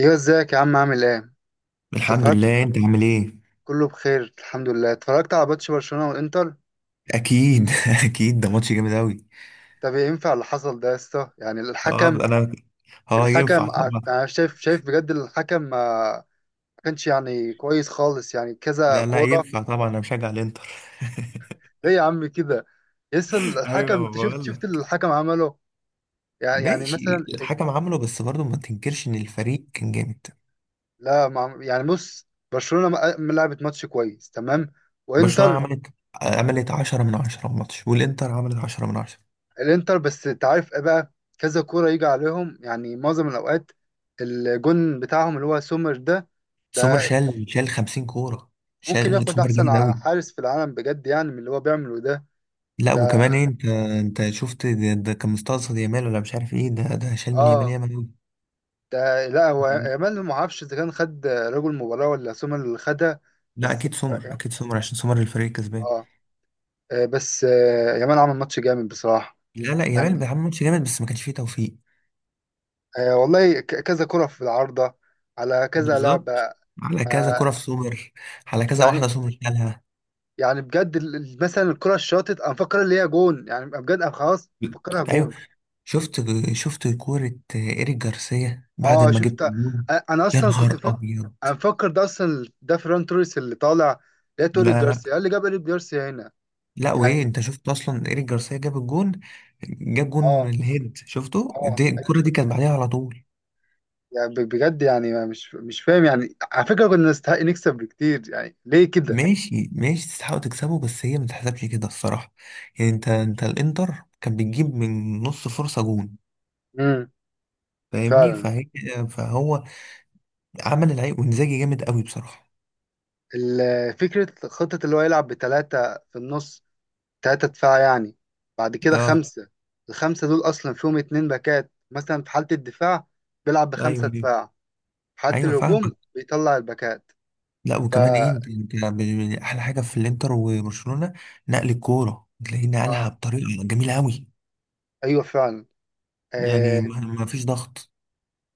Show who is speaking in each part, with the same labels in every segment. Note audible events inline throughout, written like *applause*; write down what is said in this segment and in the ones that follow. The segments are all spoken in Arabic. Speaker 1: ايوه، ازيك يا عم؟ عامل ايه؟
Speaker 2: الحمد
Speaker 1: اتفرجت.
Speaker 2: لله، انت عامل ايه؟
Speaker 1: كله بخير الحمد لله. اتفرجت على ماتش برشلونة والانتر.
Speaker 2: اكيد *laughs* اكيد ده ماتش جامد اوي.
Speaker 1: طب إيه ينفع اللي حصل ده يا اسطى؟ يعني
Speaker 2: اه،
Speaker 1: الحكم.
Speaker 2: انا. اه، ينفع
Speaker 1: الحكم
Speaker 2: طبعا.
Speaker 1: انا شايف بجد الحكم ما كانش يعني كويس خالص، يعني كذا
Speaker 2: لا لا،
Speaker 1: كورة.
Speaker 2: ينفع طبعا، انا مشجع الانتر.
Speaker 1: ايه يا عم كده؟ لسه
Speaker 2: *laughs*
Speaker 1: الحكم،
Speaker 2: ايوه، ما
Speaker 1: انت شفت
Speaker 2: بقول
Speaker 1: شفت اللي
Speaker 2: لك.
Speaker 1: الحكم عمله. يعني
Speaker 2: ماشي.
Speaker 1: مثلا.
Speaker 2: الحكم عمله، بس برضه ما تنكرش ان الفريق كان جامد.
Speaker 1: لا ما عم- يعني بص، برشلونة ما لعبت ماتش كويس تمام،
Speaker 2: برشلونة
Speaker 1: وانتر.
Speaker 2: عملت 10 من 10 الماتش، والانتر عملت 10 من 10.
Speaker 1: الانتر، بس انت عارف ايه بقى؟ كذا كوره يجي عليهم يعني معظم الاوقات. الجون بتاعهم اللي هو سومر ده.
Speaker 2: سومر
Speaker 1: ده
Speaker 2: شال 50 كورة.
Speaker 1: ممكن
Speaker 2: شال
Speaker 1: ياخد
Speaker 2: سومر
Speaker 1: احسن
Speaker 2: جامد اوي.
Speaker 1: حارس في العالم بجد، يعني من اللي هو بيعمله ده.
Speaker 2: لا،
Speaker 1: ده
Speaker 2: وكمان إيه، انت. انت شفت ده كان مستقصد يامال ولا مش عارف ايه، ده شال من يامال
Speaker 1: اه
Speaker 2: يامال.
Speaker 1: ده، لا هو
Speaker 2: اوي.
Speaker 1: يامال ما اعرفش اذا كان خد رجل المباراه ولا سومر اللي خدها.
Speaker 2: لا،
Speaker 1: بس
Speaker 2: اكيد سمر، اكيد سمر، عشان سمر الفريق الكسبان.
Speaker 1: اه. آه، بس آه، يامال عمل ماتش جامد بصراحه.
Speaker 2: لا لا، جمال
Speaker 1: يعني
Speaker 2: بيعمل ماتش جامد بس ما كانش فيه توفيق.
Speaker 1: آه، والله كذا كره في العارضه، على كذا لعبه.
Speaker 2: بالظبط. على كذا
Speaker 1: آه.
Speaker 2: كرة في سمر. على كذا
Speaker 1: يعني
Speaker 2: واحدة سمر شالها.
Speaker 1: يعني بجد، مثلا الكرة الشاطت انا مفكر اللي هي جون، يعني بجد انا خلاص مفكرها
Speaker 2: ايوه،
Speaker 1: جون.
Speaker 2: شفت شفت كورة ايريك جارسيا بعد
Speaker 1: اه
Speaker 2: ما جبت
Speaker 1: شفت.
Speaker 2: الجون.
Speaker 1: انا
Speaker 2: يا
Speaker 1: اصلا كنت
Speaker 2: نهار
Speaker 1: فاكر.
Speaker 2: ابيض.
Speaker 1: انا مفكر ده اصلا ده فيران توريس اللي طالع. ده توريس،
Speaker 2: لا
Speaker 1: جارسيا،
Speaker 2: لا
Speaker 1: إيه اللي جاب ايريك جارسيا هنا؟
Speaker 2: لا، وايه،
Speaker 1: يعني
Speaker 2: انت شفت اصلا ايريك جارسيا جاب الجون. جاب جون
Speaker 1: اه.
Speaker 2: الهيد، شفته
Speaker 1: اه
Speaker 2: دي
Speaker 1: انا
Speaker 2: الكرة دي
Speaker 1: شفت.
Speaker 2: كانت بعديها على طول.
Speaker 1: يعني بجد يعني أنا مش فاهم، يعني على فكرة كنا نستحق نكسب بكتير، يعني ليه كده؟
Speaker 2: ماشي ماشي، تستحقوا تكسبوا بس هي ما تتحسبش كده الصراحة. يعني انت، انت الانتر كان بيجيب من نص فرصة جون.
Speaker 1: امم
Speaker 2: فاهمني
Speaker 1: فعلا.
Speaker 2: فهي. فهو عمل العيب وانزاجي جامد قوي بصراحة.
Speaker 1: فكرة خطة اللي هو يلعب بثلاثة في النص، تلاتة دفاع يعني. بعد كده
Speaker 2: اه.
Speaker 1: خمسة. الخمسة دول أصلا فيهم اتنين باكات مثلا. في حالة الدفاع بيلعب
Speaker 2: ايوه
Speaker 1: بخمسة
Speaker 2: ايوه
Speaker 1: دفاع، في حالة
Speaker 2: ايوه،
Speaker 1: الهجوم
Speaker 2: فاهمك.
Speaker 1: بيطلع الباكات.
Speaker 2: لا، وكمان ايه،
Speaker 1: فا
Speaker 2: احلى حاجة في الانتر وبرشلونة، نقل الكورة تلاقيه نقلها
Speaker 1: آه،
Speaker 2: بطريقة جميلة قوي.
Speaker 1: أيوة فعلا.
Speaker 2: يعني
Speaker 1: آه.
Speaker 2: ما فيش ضغط.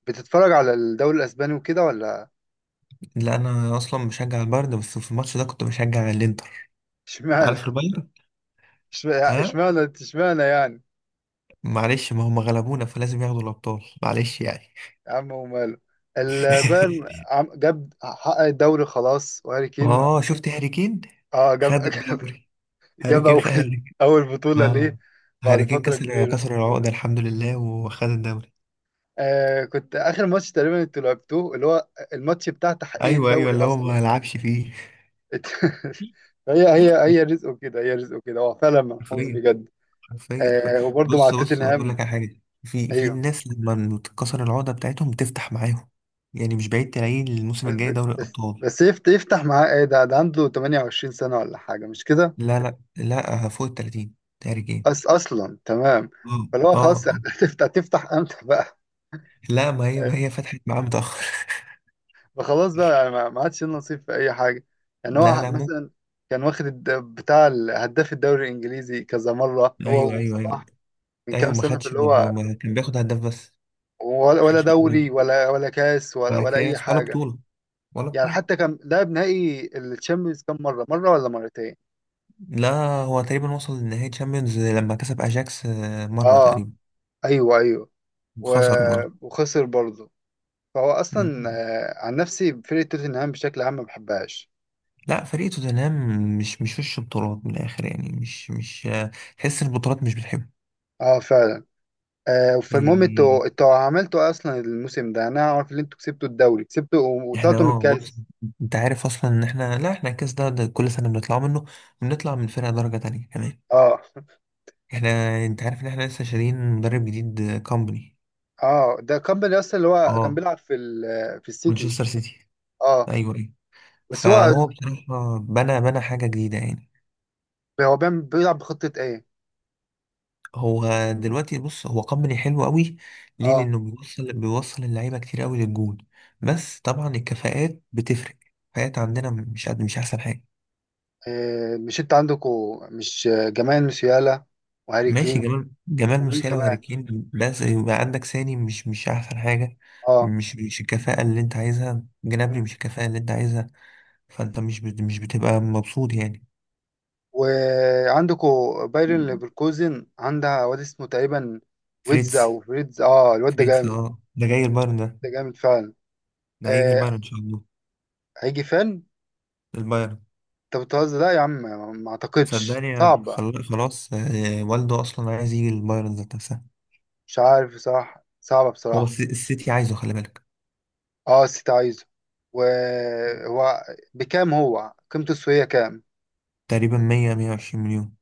Speaker 1: بتتفرج على الدوري الأسباني وكده ولا؟
Speaker 2: لا، انا اصلا بشجع البايرن، بس في الماتش ده كنت بشجع الانتر.
Speaker 1: اشمعنى؟
Speaker 2: عارف
Speaker 1: *laughs*
Speaker 2: البايرن. ها.
Speaker 1: اشمعنى يعني؟
Speaker 2: معلش، ما هم غلبونا فلازم ياخدوا الأبطال، معلش يعني.
Speaker 1: يا عم وماله، البايرن
Speaker 2: *laughs*
Speaker 1: جاب، حقق الدوري خلاص، وهاري كين.
Speaker 2: اه، شفت هاري كين.
Speaker 1: اه جاب
Speaker 2: خد
Speaker 1: *laughs*
Speaker 2: الدوري. هاري
Speaker 1: جاب
Speaker 2: كين خد هاري
Speaker 1: أول،
Speaker 2: كين.
Speaker 1: أول بطولة
Speaker 2: اه،
Speaker 1: ليه بعد
Speaker 2: هاري كين
Speaker 1: فترة
Speaker 2: كسر
Speaker 1: كبيرة.
Speaker 2: كسر العقدة الحمد لله وخد الدوري.
Speaker 1: آه، كنت اخر ماتش تقريبا انتوا لعبتوه اللي هو الماتش بتاع تحقيق
Speaker 2: ايوه ايوه،
Speaker 1: الدوري
Speaker 2: اللي هو
Speaker 1: اصلا.
Speaker 2: ما لعبش فيه.
Speaker 1: *laughs* هي رزقه كده، هي رزقه كده، هو فعلا منحوس
Speaker 2: حرفيا.
Speaker 1: بجد.
Speaker 2: حرفيا.
Speaker 1: آه، وبرضه مع
Speaker 2: بص بص، اقول لك
Speaker 1: توتنهام.
Speaker 2: على حاجة في
Speaker 1: ايوه.
Speaker 2: الناس، لما تتكسر العقدة بتاعتهم بتفتح معاهم. يعني مش بعيد تلاقيه الموسم
Speaker 1: بس
Speaker 2: الجاي دوري الأبطال.
Speaker 1: بس يفتح معاه ايه؟ ده ده عنده 28 سنه ولا حاجه مش كده؟
Speaker 2: لا لا لا، فوق ال 30 هاري كين.
Speaker 1: أس اصلا تمام.
Speaker 2: اه.
Speaker 1: فاللي هو
Speaker 2: اه.
Speaker 1: خلاص، هتفتح تفتح امتى بقى؟ *laughs*
Speaker 2: لا، ما هي
Speaker 1: آه،
Speaker 2: ما هي فتحت معاه متأخر.
Speaker 1: فخلاص بقى، يعني ما عادش ليه نصيب في اي حاجه. يعني
Speaker 2: *laughs* لا
Speaker 1: هو
Speaker 2: لا، ممكن.
Speaker 1: مثلا كان واخد هداف الدوري الانجليزي كذا مره،
Speaker 2: ايوه
Speaker 1: هو
Speaker 2: ايوه ايوه
Speaker 1: وصلاح، من كام
Speaker 2: ايوه، ما
Speaker 1: سنة، في
Speaker 2: خدش
Speaker 1: اللي هو.
Speaker 2: كان بياخد هداف بس.
Speaker 1: ولا
Speaker 2: ما
Speaker 1: ولا
Speaker 2: خدش ولا
Speaker 1: دوري
Speaker 2: دوري
Speaker 1: ولا ولا كاس ولا
Speaker 2: ولا
Speaker 1: أي
Speaker 2: كاس ولا
Speaker 1: حاجة.
Speaker 2: بطولة. ولا
Speaker 1: يعني
Speaker 2: بطولة.
Speaker 1: حتى كان لعب نهائي الشامبيونز كام مرة؟ مرة ولا مرتين؟
Speaker 2: لا، هو تقريبا وصل لنهائي تشامبيونز لما كسب اجاكس، مرة
Speaker 1: اه
Speaker 2: تقريبا.
Speaker 1: ايوه ايوه. و...
Speaker 2: وخسر برضه.
Speaker 1: وخسر برضه. فهو اصلا
Speaker 2: مم.
Speaker 1: آه، عن نفسي فرقة توتنهام بشكل عام ما بحبهاش.
Speaker 2: لا، فريق توتنهام مش وش بطولات من الاخر، يعني مش. تحس إن البطولات مش بتحبه.
Speaker 1: اه فعلا. آه، فالمهم
Speaker 2: يعني
Speaker 1: انتوا، انتوا عملتوا إيه اصلا الموسم ده؟ انا عارف ان انتوا كسبتوا الدوري، كسبتوا
Speaker 2: احنا،
Speaker 1: وطلعتوا من
Speaker 2: بص،
Speaker 1: الكاس.
Speaker 2: انت عارف اصلا ان احنا، لا، احنا الكاس ده كل سنة بنطلع منه، بنطلع من فرقة درجة تانية كمان.
Speaker 1: اه *laughs*
Speaker 2: احنا، انت عارف ان احنا لسه شارين مدرب جديد كومباني.
Speaker 1: اه، ده كامباني اصلا اللي هو كان
Speaker 2: اه.
Speaker 1: بيلعب في في السيتي.
Speaker 2: مانشستر سيتي.
Speaker 1: اه
Speaker 2: ايوه ايوه.
Speaker 1: بس هو،
Speaker 2: فهو بصراحة بنى حاجة جديدة يعني.
Speaker 1: هو بيلعب بخطة ايه؟
Speaker 2: هو دلوقتي بص، هو كومباني حلو قوي، ليه؟
Speaker 1: اه
Speaker 2: لانه بيوصل اللعيبة كتير قوي للجون. بس طبعا الكفاءات بتفرق. الكفاءات عندنا مش احسن حاجة.
Speaker 1: آه، مش انت عندكوا، مش آه، جمال مسيالا وهاري
Speaker 2: ماشي،
Speaker 1: كين؟
Speaker 2: جمال
Speaker 1: ومين
Speaker 2: موسيالا وهاري
Speaker 1: كمان؟
Speaker 2: كين، بس يبقى عندك ساني مش احسن حاجة.
Speaker 1: اه.
Speaker 2: مش الكفاءة اللي انت عايزها، جنابري
Speaker 1: مم.
Speaker 2: مش الكفاءة اللي انت عايزها. فانت مش بتبقى مبسوط يعني.
Speaker 1: وعندكوا بايرن ليفركوزن عندها واد اسمه تقريبا ويتز
Speaker 2: فريتز.
Speaker 1: او فريدز، اه الواد ده
Speaker 2: فريتز،
Speaker 1: جامد.
Speaker 2: ده جاي البايرن ده.
Speaker 1: ده جامد فعلا.
Speaker 2: ده هيجي
Speaker 1: آه،
Speaker 2: البايرن ان شاء الله.
Speaker 1: هيجي فين؟
Speaker 2: البايرن.
Speaker 1: انت بتهزر، لا يا عم، ما اعتقدش،
Speaker 2: صدقني،
Speaker 1: صعبة.
Speaker 2: خلاص، والده اصلا عايز يجي البايرن ذات نفسها.
Speaker 1: مش عارف بصراحة، صعبة
Speaker 2: هو
Speaker 1: بصراحة.
Speaker 2: السيتي عايزه، خلي بالك.
Speaker 1: اه السيتي عايزه. وهو بكام هو؟ قيمته السوقية كام؟
Speaker 2: تقريبا 100 120 مليون.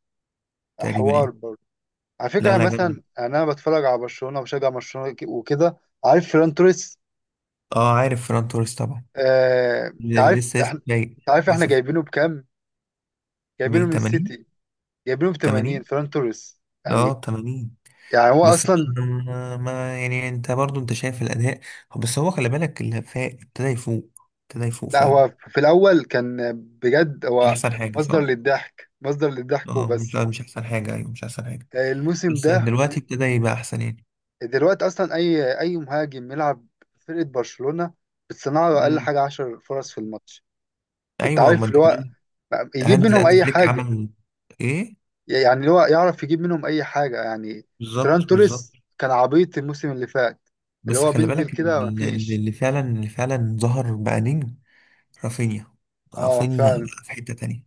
Speaker 2: تقريبا
Speaker 1: حوار
Speaker 2: يعني.
Speaker 1: برضه. على فكرة
Speaker 2: لا
Speaker 1: يعني
Speaker 2: لا، جامد.
Speaker 1: مثلا يعني أنا بتفرج على برشلونة وبشجع برشلونة، وكده. عارف فران توريس.
Speaker 2: اه، عارف فران توريس طبعا.
Speaker 1: آه، أنت عارف
Speaker 2: لسه
Speaker 1: إحنا،
Speaker 2: جاي.
Speaker 1: أنت عارف إحنا
Speaker 2: لسه في.
Speaker 1: جايبينه بكام؟
Speaker 2: ب
Speaker 1: جايبينه من
Speaker 2: 80
Speaker 1: السيتي، جايبينه ب 80،
Speaker 2: 80،
Speaker 1: فران توريس.
Speaker 2: اه
Speaker 1: يعني
Speaker 2: 80.
Speaker 1: يعني هو
Speaker 2: بس
Speaker 1: أصلا،
Speaker 2: يعني انت برضو انت شايف الاداء. بس هو خلي بالك، اللي ابتدى يفوق، ابتدى يفوق
Speaker 1: لا
Speaker 2: فعلا.
Speaker 1: هو في الأول كان بجد،
Speaker 2: مش
Speaker 1: هو
Speaker 2: احسن حاجه
Speaker 1: مصدر
Speaker 2: صح؟
Speaker 1: للضحك، مصدر للضحك
Speaker 2: اه، مش
Speaker 1: وبس.
Speaker 2: لا، مش احسن حاجه، ايوه مش احسن حاجه.
Speaker 1: آه، الموسم
Speaker 2: بس
Speaker 1: ده،
Speaker 2: دلوقتي ابتدى يبقى احسن يعني.
Speaker 1: دلوقتي أصلا أي أي مهاجم يلعب في فرقة برشلونة بتصنع له أقل
Speaker 2: مم.
Speaker 1: حاجة 10 فرص في الماتش. فأنت
Speaker 2: ايوه، ما
Speaker 1: عارف اللي
Speaker 2: انت
Speaker 1: هو
Speaker 2: كمان.
Speaker 1: يجيب
Speaker 2: هانز
Speaker 1: منهم
Speaker 2: هانز
Speaker 1: أي
Speaker 2: فليك
Speaker 1: حاجة.
Speaker 2: عمل ايه؟
Speaker 1: يعني هو يعرف يجيب منهم اي حاجه يعني. فران
Speaker 2: بالظبط بالظبط.
Speaker 1: توريس كان عبيط الموسم اللي فات، اللي
Speaker 2: بس
Speaker 1: هو
Speaker 2: خلي
Speaker 1: بينزل
Speaker 2: بالك
Speaker 1: كده
Speaker 2: اللي, اللي
Speaker 1: مفيش.
Speaker 2: اللي فعلا اللي فعلا ظهر بقى نجم. رافينيا.
Speaker 1: اه
Speaker 2: رافينيا
Speaker 1: فعلا.
Speaker 2: بقى في حته تانيه.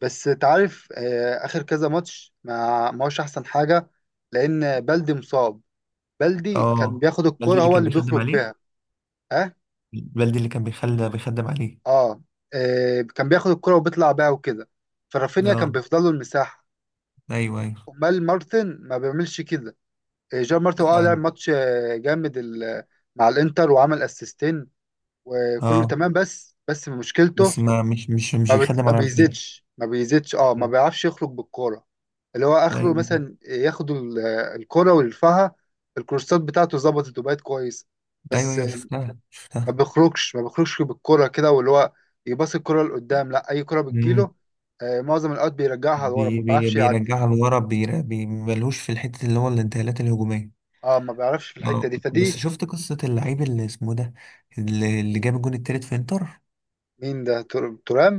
Speaker 1: بس تعرف آه، اخر كذا ماتش ما ما هوش احسن حاجه، لان بلدي مصاب. بلدي كان
Speaker 2: اه.
Speaker 1: بياخد
Speaker 2: بلدي
Speaker 1: الكرة،
Speaker 2: اللي
Speaker 1: هو
Speaker 2: كان
Speaker 1: اللي
Speaker 2: بيخدم
Speaker 1: بيخرج
Speaker 2: عليه.
Speaker 1: بيها. اه
Speaker 2: بلدي اللي كان بيخلى بيخدم عليه.
Speaker 1: اه. آه، كان بياخد الكرة وبيطلع بيها وكده، فرافينيا كان
Speaker 2: اه.
Speaker 1: بيفضل له المساحه.
Speaker 2: ايوه ايوه،
Speaker 1: امال مارتن ما بيعملش كده. آه، جيرار مارتن اه لعب
Speaker 2: فعلا.
Speaker 1: ماتش آه، جامد مع الانتر، وعمل اسيستين وكله
Speaker 2: اه،
Speaker 1: تمام، بس بس مشكلته،
Speaker 2: بس ما مش مش مش بيخدم
Speaker 1: ما
Speaker 2: على الخير.
Speaker 1: بيزيدش ما بيزيدش اه، ما بيعرفش يخرج بالكوره. اللي هو اخره
Speaker 2: ايوه
Speaker 1: مثلا ياخد الكوره ويرفعها. الكورسات بتاعته ظبطت وبقت كويس.
Speaker 2: ايوه
Speaker 1: بس
Speaker 2: ايوه،
Speaker 1: آه،
Speaker 2: شفتها
Speaker 1: ما
Speaker 2: شفتها.
Speaker 1: بيخرجش ما بيخرجش بالكوره كده. واللي هو يباص الكوره لقدام، لا اي كوره
Speaker 2: امم.
Speaker 1: بتجيله آه، معظم الاوقات بيرجعها لورا، ما
Speaker 2: بي بي
Speaker 1: بيعرفش يعدي.
Speaker 2: بيرجعها لورا، بي ملهوش في الحته، اللي هو الانتقالات الهجوميه.
Speaker 1: اه ما بيعرفش في الحته
Speaker 2: اه،
Speaker 1: دي
Speaker 2: بس
Speaker 1: فدي.
Speaker 2: شفت قصه اللعيب اللي اسمه ده، اللي جاب الجون التالت في انتر.
Speaker 1: مين ده؟ ترام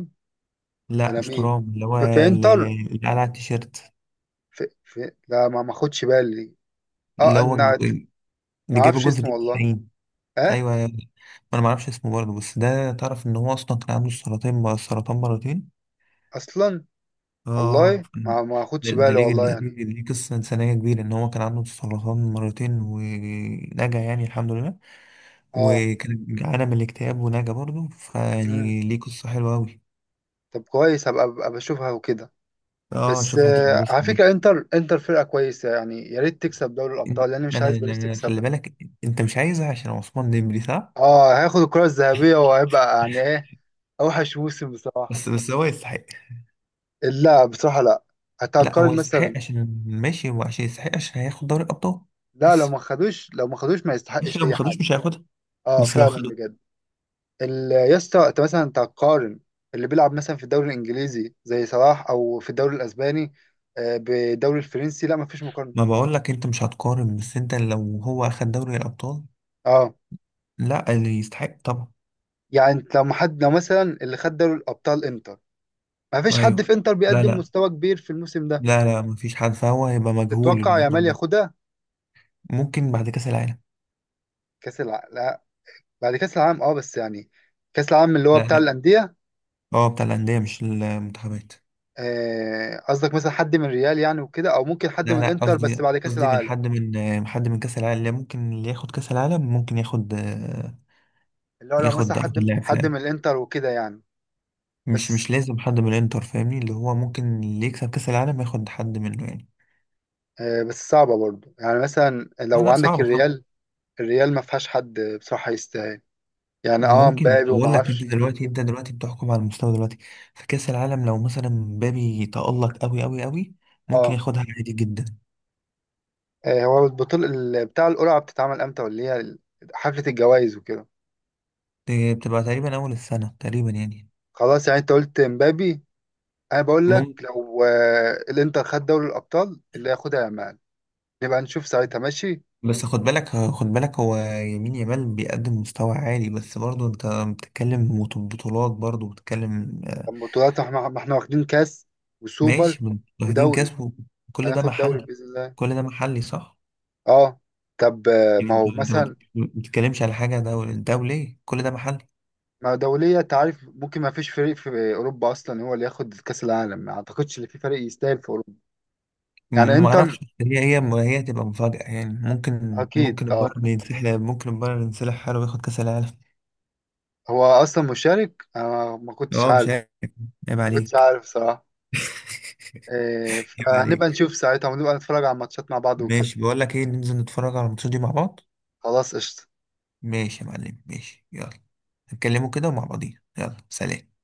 Speaker 2: لا
Speaker 1: ولا
Speaker 2: مش
Speaker 1: مين؟
Speaker 2: ترام، اللي هو
Speaker 1: في، في
Speaker 2: اللي
Speaker 1: انتر؟
Speaker 2: اللي قال على التيشيرت.
Speaker 1: لا ما ما خدش بالي. اه
Speaker 2: اللي هو
Speaker 1: ان، ما
Speaker 2: اللي جاب
Speaker 1: اعرفش
Speaker 2: الجون في
Speaker 1: اسمه
Speaker 2: الدقيقه
Speaker 1: والله.
Speaker 2: 90.
Speaker 1: اه
Speaker 2: ايوه ايوه. انا ما اعرفش اسمه برضه، بس ده تعرف ان هو اصلا كان عنده سرطان سرطان مرتين.
Speaker 1: اصلا.
Speaker 2: اه.
Speaker 1: والله ما ما
Speaker 2: ده
Speaker 1: اخدش
Speaker 2: ده
Speaker 1: بالي
Speaker 2: ليه
Speaker 1: والله
Speaker 2: ده
Speaker 1: يعني.
Speaker 2: ليه ليه قصة إنسانية كبيرة، إن هو كان عنده سرطان مرتين ونجا يعني الحمد لله.
Speaker 1: اه.
Speaker 2: وكان جعانة من الاكتئاب ونجا برضه،
Speaker 1: امم.
Speaker 2: فيعني ليه قصة حلوة أوي.
Speaker 1: طب كويس، هبقى أبقى بشوفها وكده.
Speaker 2: اه،
Speaker 1: بس
Speaker 2: شوف
Speaker 1: آه
Speaker 2: هتتبسط
Speaker 1: على
Speaker 2: دي.
Speaker 1: فكره، انتر، انتر فرقه كويسه، يعني يا ريت تكسب دوري
Speaker 2: أنت-
Speaker 1: الابطال، لان مش
Speaker 2: أنا
Speaker 1: عايز باريس
Speaker 2: أنا خلي
Speaker 1: تكسبها.
Speaker 2: بالك، أنت مش عايزها عشان عثمان ديمبلي صح؟
Speaker 1: اه هياخد الكره الذهبيه وهيبقى يعني ايه، اوحش موسم بصراحه.
Speaker 2: بس هو يستحق.
Speaker 1: لا بصراحه لا.
Speaker 2: لا، هو
Speaker 1: هتقارن
Speaker 2: يستحق
Speaker 1: مثلا؟
Speaker 2: عشان ماشي، وعشان يستحق عشان هياخد دوري الأبطال.
Speaker 1: لا، لو
Speaker 2: بس
Speaker 1: ما خدوش، لو ما خدوش ما
Speaker 2: ماشي،
Speaker 1: يستحقش
Speaker 2: لو ما
Speaker 1: اي
Speaker 2: خدوش
Speaker 1: حاجه.
Speaker 2: مش هياخدها.
Speaker 1: اه
Speaker 2: بس لو
Speaker 1: فعلا
Speaker 2: خدوا،
Speaker 1: بجد. يا اسطى انت مثلا تقارن اللي بيلعب مثلا في الدوري الانجليزي زي صلاح او في الدوري الاسباني، آه، بالدوري الفرنسي؟ لا مفيش مقارنه.
Speaker 2: ما بقول لك انت مش هتقارن، بس انت لو هو اخد دوري الابطال.
Speaker 1: اه
Speaker 2: لا، اللي يستحق طبعا.
Speaker 1: يعني انت لو حد، لو مثلا اللي خد دوري الابطال انتر، مفيش حد
Speaker 2: ايوه.
Speaker 1: في انتر
Speaker 2: لا
Speaker 1: بيقدم
Speaker 2: لا.
Speaker 1: مستوى كبير في الموسم ده.
Speaker 2: لا لا، مفيش حد، فهو هيبقى مجهول
Speaker 1: تتوقع
Speaker 2: الموضوع
Speaker 1: يامال
Speaker 2: ده.
Speaker 1: ياخدها؟
Speaker 2: ممكن بعد كأس العالم.
Speaker 1: كاس العالم، لا، بعد كاس العالم اه بس يعني كاس العالم اللي هو
Speaker 2: لا
Speaker 1: بتاع
Speaker 2: لا.
Speaker 1: الانديه.
Speaker 2: اه، بتاع الأندية مش المنتخبات.
Speaker 1: آه، قصدك مثلا حد من ريال يعني وكده، او ممكن حد من
Speaker 2: لا لا،
Speaker 1: الانتر بس
Speaker 2: قصدي
Speaker 1: بعد كاس
Speaker 2: قصدي من
Speaker 1: العالم؟
Speaker 2: حد من حد من كأس العالم. لا، ممكن اللي ياخد كأس العالم ممكن ياخد،
Speaker 1: اللي هو لو مثلا
Speaker 2: ياخد أفضل
Speaker 1: حد
Speaker 2: لاعب في
Speaker 1: حد من
Speaker 2: العالم.
Speaker 1: الانتر وكده يعني.
Speaker 2: مش
Speaker 1: بس
Speaker 2: مش لازم حد من الانتر فاهمني، اللي هو ممكن اللي يكسب كأس العالم ياخد حد منه يعني.
Speaker 1: آه، بس صعبة برضو، يعني مثلا
Speaker 2: لا
Speaker 1: لو
Speaker 2: لا،
Speaker 1: عندك
Speaker 2: صعبة.
Speaker 1: الريال، الريال ما فيهاش حد بصراحة يستاهل. يعني اه
Speaker 2: ممكن،
Speaker 1: مبابي وما
Speaker 2: بقول لك، انت
Speaker 1: اعرفش.
Speaker 2: دلوقتي انت دلوقتي بتحكم على المستوى دلوقتي. في كأس العالم، لو مثلا مبابي تألق قوي قوي قوي، ممكن
Speaker 1: اه.
Speaker 2: ياخدها عادي جدا.
Speaker 1: آه، هو البطولة بتاع القرعة بتتعمل امتى؟ ولا هي حفلة الجوائز وكده؟
Speaker 2: دي بتبقى تقريبا اول السنة تقريبا يعني.
Speaker 1: خلاص يعني انت قلت مبابي، انا بقول لك
Speaker 2: ممكن.
Speaker 1: لو آه، الانتر خد دوري الابطال، اللي هياخدها يامال. نبقى نشوف ساعتها، ماشي.
Speaker 2: بس خد بالك خد بالك، هو يمين يامال بيقدم مستوى عالي، بس برضه انت بتتكلم بطولات، برضه بتتكلم.
Speaker 1: طب بطولات، احنا ما احنا واخدين كاس
Speaker 2: ماشي.
Speaker 1: وسوبر
Speaker 2: واخدين كاس
Speaker 1: ودوري.
Speaker 2: كل ده
Speaker 1: هناخد دوري
Speaker 2: محلي.
Speaker 1: باذن الله.
Speaker 2: كل ده محلي صح.
Speaker 1: اه طب آه،
Speaker 2: يعني
Speaker 1: ما
Speaker 2: انت
Speaker 1: هو
Speaker 2: انت
Speaker 1: مثلا،
Speaker 2: ما بتتكلمش على حاجة دولية، كل ده محلي.
Speaker 1: ما دولية؟ انت عارف ممكن ما فيش فريق في أوروبا أصلا هو اللي ياخد كأس العالم، ما أعتقدش إن في فريق يستاهل في أوروبا. يعني
Speaker 2: ما
Speaker 1: إنتر،
Speaker 2: اعرفش، هي هتبقى مفاجأة، يعني ممكن
Speaker 1: أكيد
Speaker 2: ممكن
Speaker 1: أه.
Speaker 2: البايرن ينسحب ممكن البايرن ينسحب حاله وياخد كأس العالم.
Speaker 1: هو أصلا مشارك، أنا ما كنتش
Speaker 2: اه، مش
Speaker 1: عارف.
Speaker 2: عيب. عيب
Speaker 1: ما كنتش
Speaker 2: عليك.
Speaker 1: عارف صراحة. إيه،
Speaker 2: عيب
Speaker 1: فهنبقى
Speaker 2: عليك.
Speaker 1: نشوف ساعتها، ونبقى نتفرج على الماتشات مع بعض وكده.
Speaker 2: ماشي، بقول لك ايه، ننزل نتفرج على الماتشات دي مع بعض.
Speaker 1: خلاص قشطة.
Speaker 2: ماشي يا معلم، ماشي، يلا. نتكلموا كده ومع بعضين، يلا سلام.